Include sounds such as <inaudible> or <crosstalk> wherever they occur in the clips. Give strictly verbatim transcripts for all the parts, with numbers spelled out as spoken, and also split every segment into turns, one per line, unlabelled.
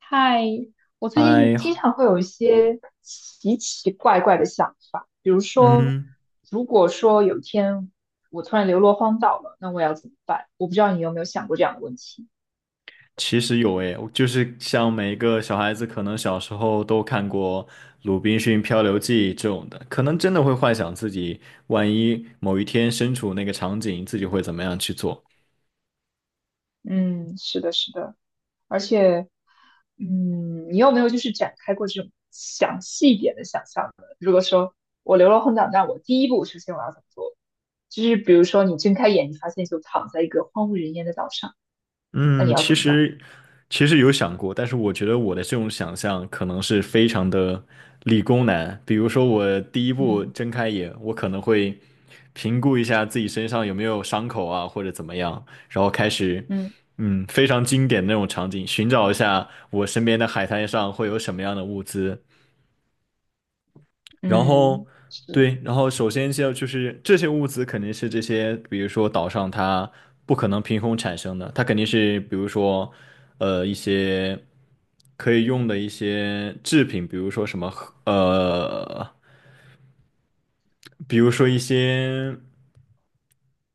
嗨，我最近
还
经常会有一些奇奇怪怪的想法，比如说，
嗯，
如果说有一天我突然流落荒岛了，那我要怎么办？我不知道你有没有想过这样的问题。
其实有诶，就是像每一个小孩子，可能小时候都看过《鲁滨逊漂流记》这种的，可能真的会幻想自己万一某一天身处那个场景，自己会怎么样去做。
嗯，是的，是的，而且，嗯，你有没有就是展开过这种详细一点的想象呢？如果说我流落荒岛，那我第一步首先我要怎么做？就是比如说你睁开眼，你发现就躺在一个荒无人烟的岛上，那你
嗯，
要
其
怎么办？
实其实有想过，但是我觉得我的这种想象可能是非常的理工男。比如说，我第一步
嗯
睁开眼，我可能会评估一下自己身上有没有伤口啊，或者怎么样，然后开始，嗯，非常经典的那种场景，寻找一下我身边的海滩上会有什么样的物资，然后
嗯，是，
对，然后首先就就是这些物资肯定是这些，比如说岛上它不可能凭空产生的，它肯定是比如说呃一些可以用的一些制品，比如说什么呃，比如说一些。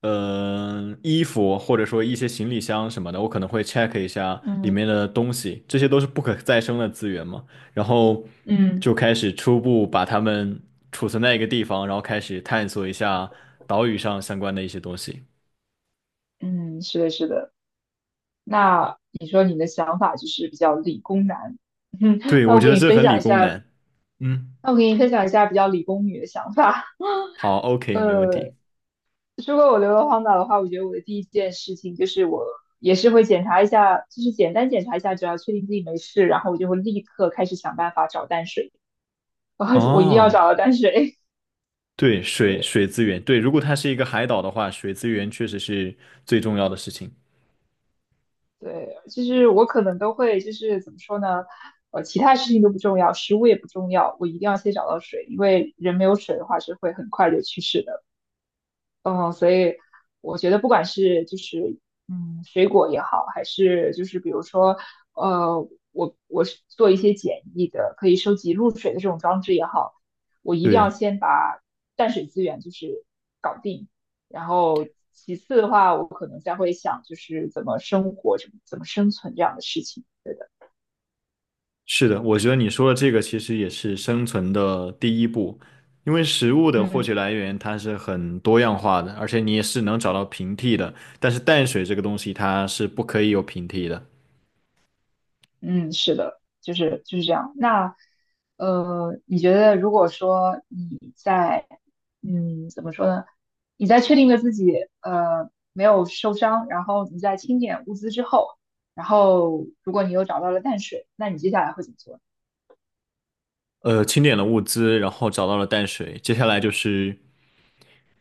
呃，衣服或者说一些行李箱什么的，我可能会 check 一下里
嗯
面的东西，这些都是不可再生的资源嘛。然后
嗯
就开始初步把它们储存在一个地方，然后开始探索一下岛屿上相关的一些东西。
嗯，是的，是的。那你说你的想法就是比较理工男，<laughs> 嗯
对，
那
我
我
觉
给
得
你
这
分
很理
享一
工
下，
男。嗯，
那我给你分享一下比较理工女的想法。
好，OK,没问
呃，
题。
如果我流落荒岛的话，我觉得我的第一件事情就是我也是会检查一下，就是简单检查一下，只要确定自己没事，然后我就会立刻开始想办法找淡水，<laughs> 然后我一定要
哦，
找到淡水。
对，水
<laughs>
水资源，对，如果它是一个海岛的话，水资源确实是最重要的事情。
对，就是我可能都会，就是怎么说呢？呃，其他事情都不重要，食物也不重要，我一定要先找到水，因为人没有水的话是会很快就去世的。嗯，所以我觉得不管是就是嗯水果也好，还是就是比如说呃我我是做一些简易的可以收集露水的这种装置也好，我一定要
对。
先把淡水资源就是搞定，然后其次的话，我可能再会想就是怎么生活，怎么怎么生存这样的事情。
是的，我觉得你说的这个其实也是生存的第一步，因为食物的获
嗯。
取来源它是很多样化的，而且你也是能找到平替的，但是淡水这个东西它是不可以有平替的。
嗯，是的，就是就是这样。那呃，你觉得如果说你在嗯怎么说呢？你在确定了自己呃没有受伤，然后你在清点物资之后，然后如果你又找到了淡水，那你接下来会怎么做呢？
呃，清点了物资，然后找到了淡水，接下来就是。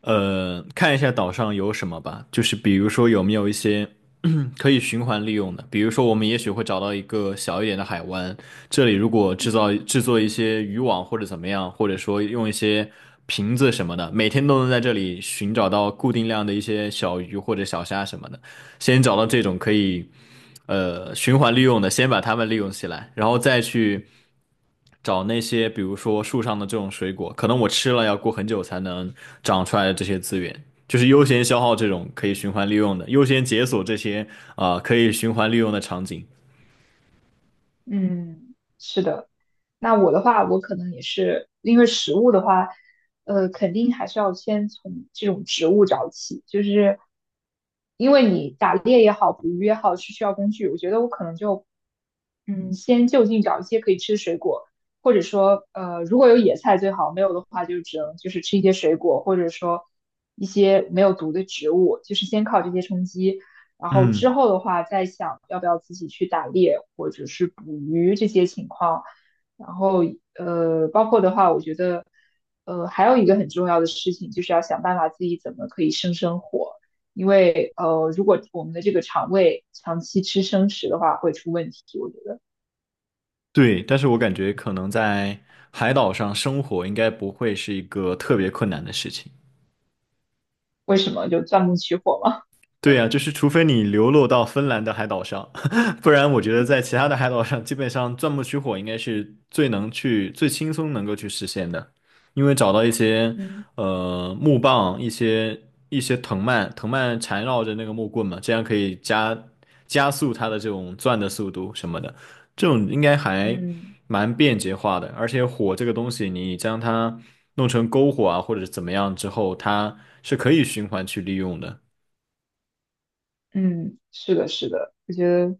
呃，看一下岛上有什么吧，就是比如说有没有一些 <clears throat> 可以循环利用的，比如说我们也许会找到一个小一点的海湾，这里如果制造制作一些渔网或者怎么样，或者说用一些瓶子什么的，每天都能在这里寻找到固定量的一些小鱼或者小虾什么的，先找到这种可以。呃循环利用的，先把它们利用起来，然后再去找那些比如说树上的这种水果，可能我吃了要过很久才能长出来的这些资源，就是优先消耗这种可以循环利用的，优先解锁这些啊、呃可以循环利用的场景。
嗯，是的。那我的话，我可能也是因为食物的话，呃，肯定还是要先从这种植物找起，就是因为你打猎也好，捕鱼也好，是需要工具。我觉得我可能就，嗯，先就近找一些可以吃的水果，或者说，呃，如果有野菜最好，没有的话就只能就是吃一些水果，或者说一些没有毒的植物，就是先靠这些充饥。然后之
嗯，
后的话，再想要不要自己去打猎或者是捕鱼这些情况。然后呃，包括的话，我觉得呃还有一个很重要的事情，就是要想办法自己怎么可以生生火，因为呃如果我们的这个肠胃长期吃生食的话，会出问题。我觉得
对，但是我感觉可能在海岛上生活应该不会是一个特别困难的事情。
为什么就钻木取火嘛？
对呀，就是除非你流落到芬兰的海岛上，<laughs> 不然我觉得在其他的海岛上，基本上钻木取火应该是最能去、最轻松能够去实现的，因为找到一些
嗯
呃木棒、一些一些藤蔓，藤蔓缠绕着那个木棍嘛，这样可以加加速它的这种钻的速度什么的，这种应该还
嗯
蛮便捷化的。而且火这个东西，你将它弄成篝火啊，或者怎么样之后，它是可以循环去利用的。
嗯，是的，是的，我觉得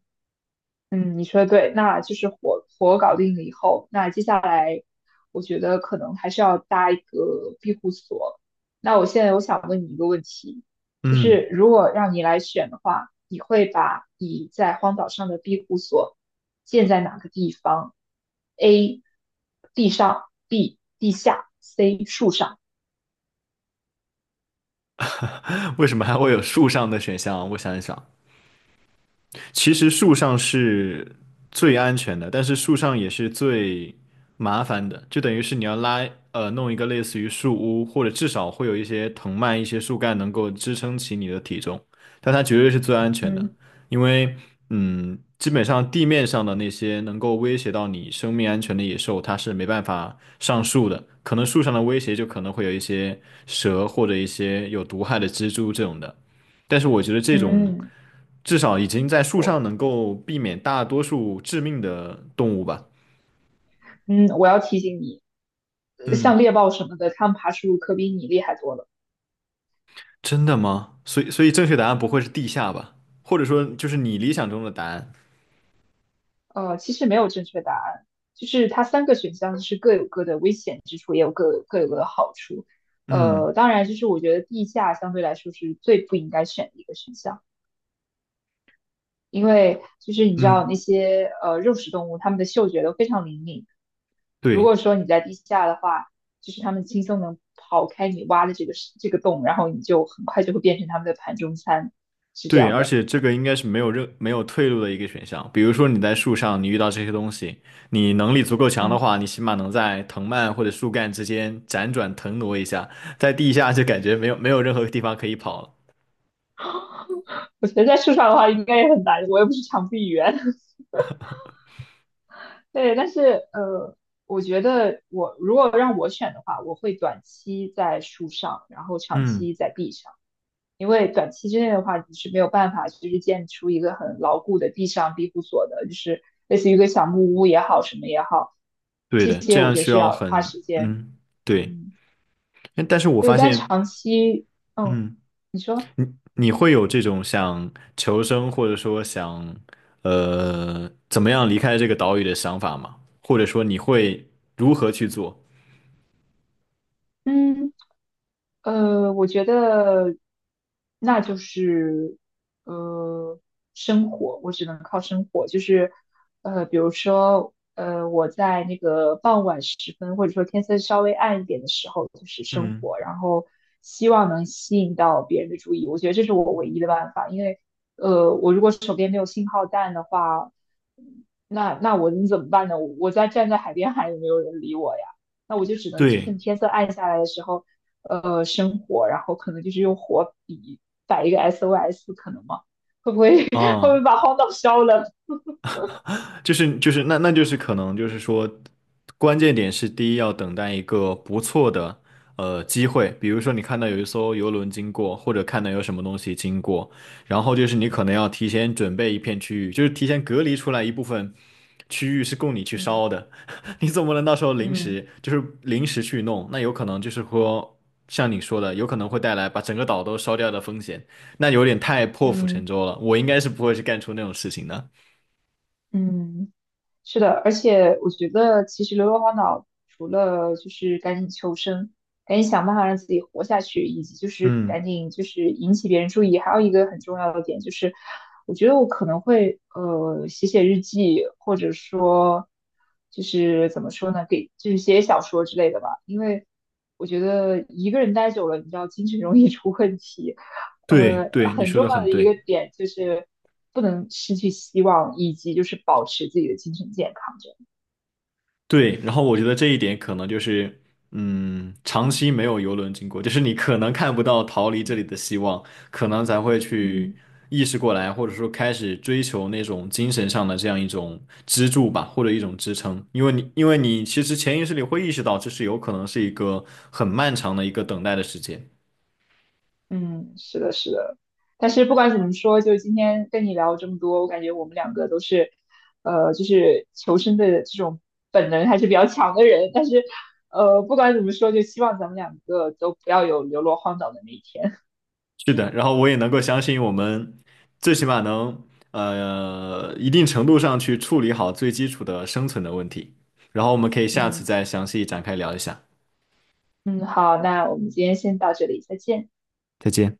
嗯，你说的对，那就是火火搞定了以后，那接下来我觉得可能还是要搭一个庇护所。那我现在我想问你一个问题，就
嗯。
是如果让你来选的话，你会把你在荒岛上的庇护所建在哪个地方？A. 地上，B. 地下，C. 树上。
为什么还会有树上的选项？我想一想，其实树上是最安全的，但是树上也是最麻烦的，就等于是你要拉呃弄一个类似于树屋，或者至少会有一些藤蔓、一些树干能够支撑起你的体重，但它绝对是最安全的，
嗯
因为嗯，基本上地面上的那些能够威胁到你生命安全的野兽，它是没办法上树的，可能树上的威胁就可能会有一些蛇或者一些有毒害的蜘蛛这种的。但是我觉得这种
嗯，
至少已经在树
我
上能够避免大多数致命的动物吧。
嗯我要提醒你，呃像
嗯，
猎豹什么的，它们爬树可比你厉害多了。
真的吗？所以，所以正确答案不会是地下吧？或者说，就是你理想中的答案？
呃，其实没有正确答案，就是它三个选项是各有各的危险之处，也有各有各有各的好处。
嗯
呃，当然，就是我觉得地下相对来说是最不应该选的一个选项，因为就是你知道
嗯，
那些呃肉食动物，它们的嗅觉都非常灵敏。如果
对
说你在地下的话，就是它们轻松能刨开你挖的这个这个洞，然后你就很快就会变成它们的盘中餐，是这
对，
样
而
的。
且这个应该是没有任没有退路的一个选项。比如说你在树上，你遇到这些东西，你能力足够强的
嗯，
话，你起码能在藤蔓或者树干之间辗转腾挪一下，在地下就感觉没有没有任何地方可以跑了。
我觉得在树上的话应该也很难，我又不是长臂猿。对，但是呃，我觉得我如果让我选的话，我会短期在树上，然后长
嗯，
期在壁上，因为短期之内的话，你是没有办法就是建出一个很牢固的地上庇护所的，就是类似于一个小木屋也好，什么也好，
对
这
的，这
些我
样
觉得
需
是
要
要花
很，
时间。
嗯，对。
嗯，
哎但但是我
对，
发
但
现，
长期，嗯，
嗯，
你说。
你你会有这种想求生，或者说想呃怎么样离开这个岛屿的想法吗？或者说你会如何去做？
嗯。呃，我觉得那就是呃生活，我只能靠生活，就是呃，比如说呃，我在那个傍晚时分，或者说天色稍微暗一点的时候，就是生
嗯，
活，然后希望能吸引到别人的注意，我觉得这是我唯一的办法，因为呃，我如果手边没有信号弹的话，那那我能怎么办呢？我我在站在海边喊，也没有人理我呀，那我就只能
对
趁天色暗下来的时候。呃生活，然后可能就是用火笔摆一个 S O S，可能吗？会不会 <laughs> 会不会
啊，
把荒岛烧了？
就是就是那那就是可能就是说，关键点是第一要等待一个不错的呃机会，比如说你看到有一艘游轮经过，或者看到有什么东西经过，然后就是你可能要提前准备一片区域，就是提前隔离出来一部分区域是供你去
嗯
烧的，<laughs> 你总不能到时候临
嗯
时就是临时去弄，那有可能就是说像你说的，有可能会带来把整个岛都烧掉的风险，那有点太破釜沉
嗯
舟了，我应该是不会去干出那种事情的，
嗯，是的，而且我觉得其实流浪荒岛除了就是赶紧求生，赶紧想办法让自己活下去，以及就是
嗯。
赶紧就是引起别人注意。还有一个很重要的点就是，我觉得我可能会呃写写日记，或者说就是怎么说呢，给就是写写小说之类的吧。因为我觉得一个人待久了，你知道精神容易出问题。
对
呃，
对，你
很
说
重
的
要
很
的一个
对
点就是不能失去希望，以及就是保持自己的精神健康。这样，
对。然后我觉得这一点可能就是，嗯，长期没有游轮经过，就是你可能看不到逃离这里的希望，可能才会去
嗯。
意识过来，或者说开始追求那种精神上的这样一种支柱吧，或者一种支撑。因为你，因为你其实潜意识里会意识到，这是有可能是一个很漫长的一个等待的时间。
嗯，是的，是的。但是不管怎么说，就今天跟你聊这么多，我感觉我们两个都是，呃，就是求生的这种本能还是比较强的人。但是，呃，不管怎么说，就希望咱们两个都不要有流落荒岛的那一天。
是的，
<laughs>
然后我也能够相信我们最起码能呃一定程度上去处理好最基础的生存的问题，然后我们可以下次
嗯
再详细展开聊一下。
嗯，好，那我们今天先到这里，再见。
再见。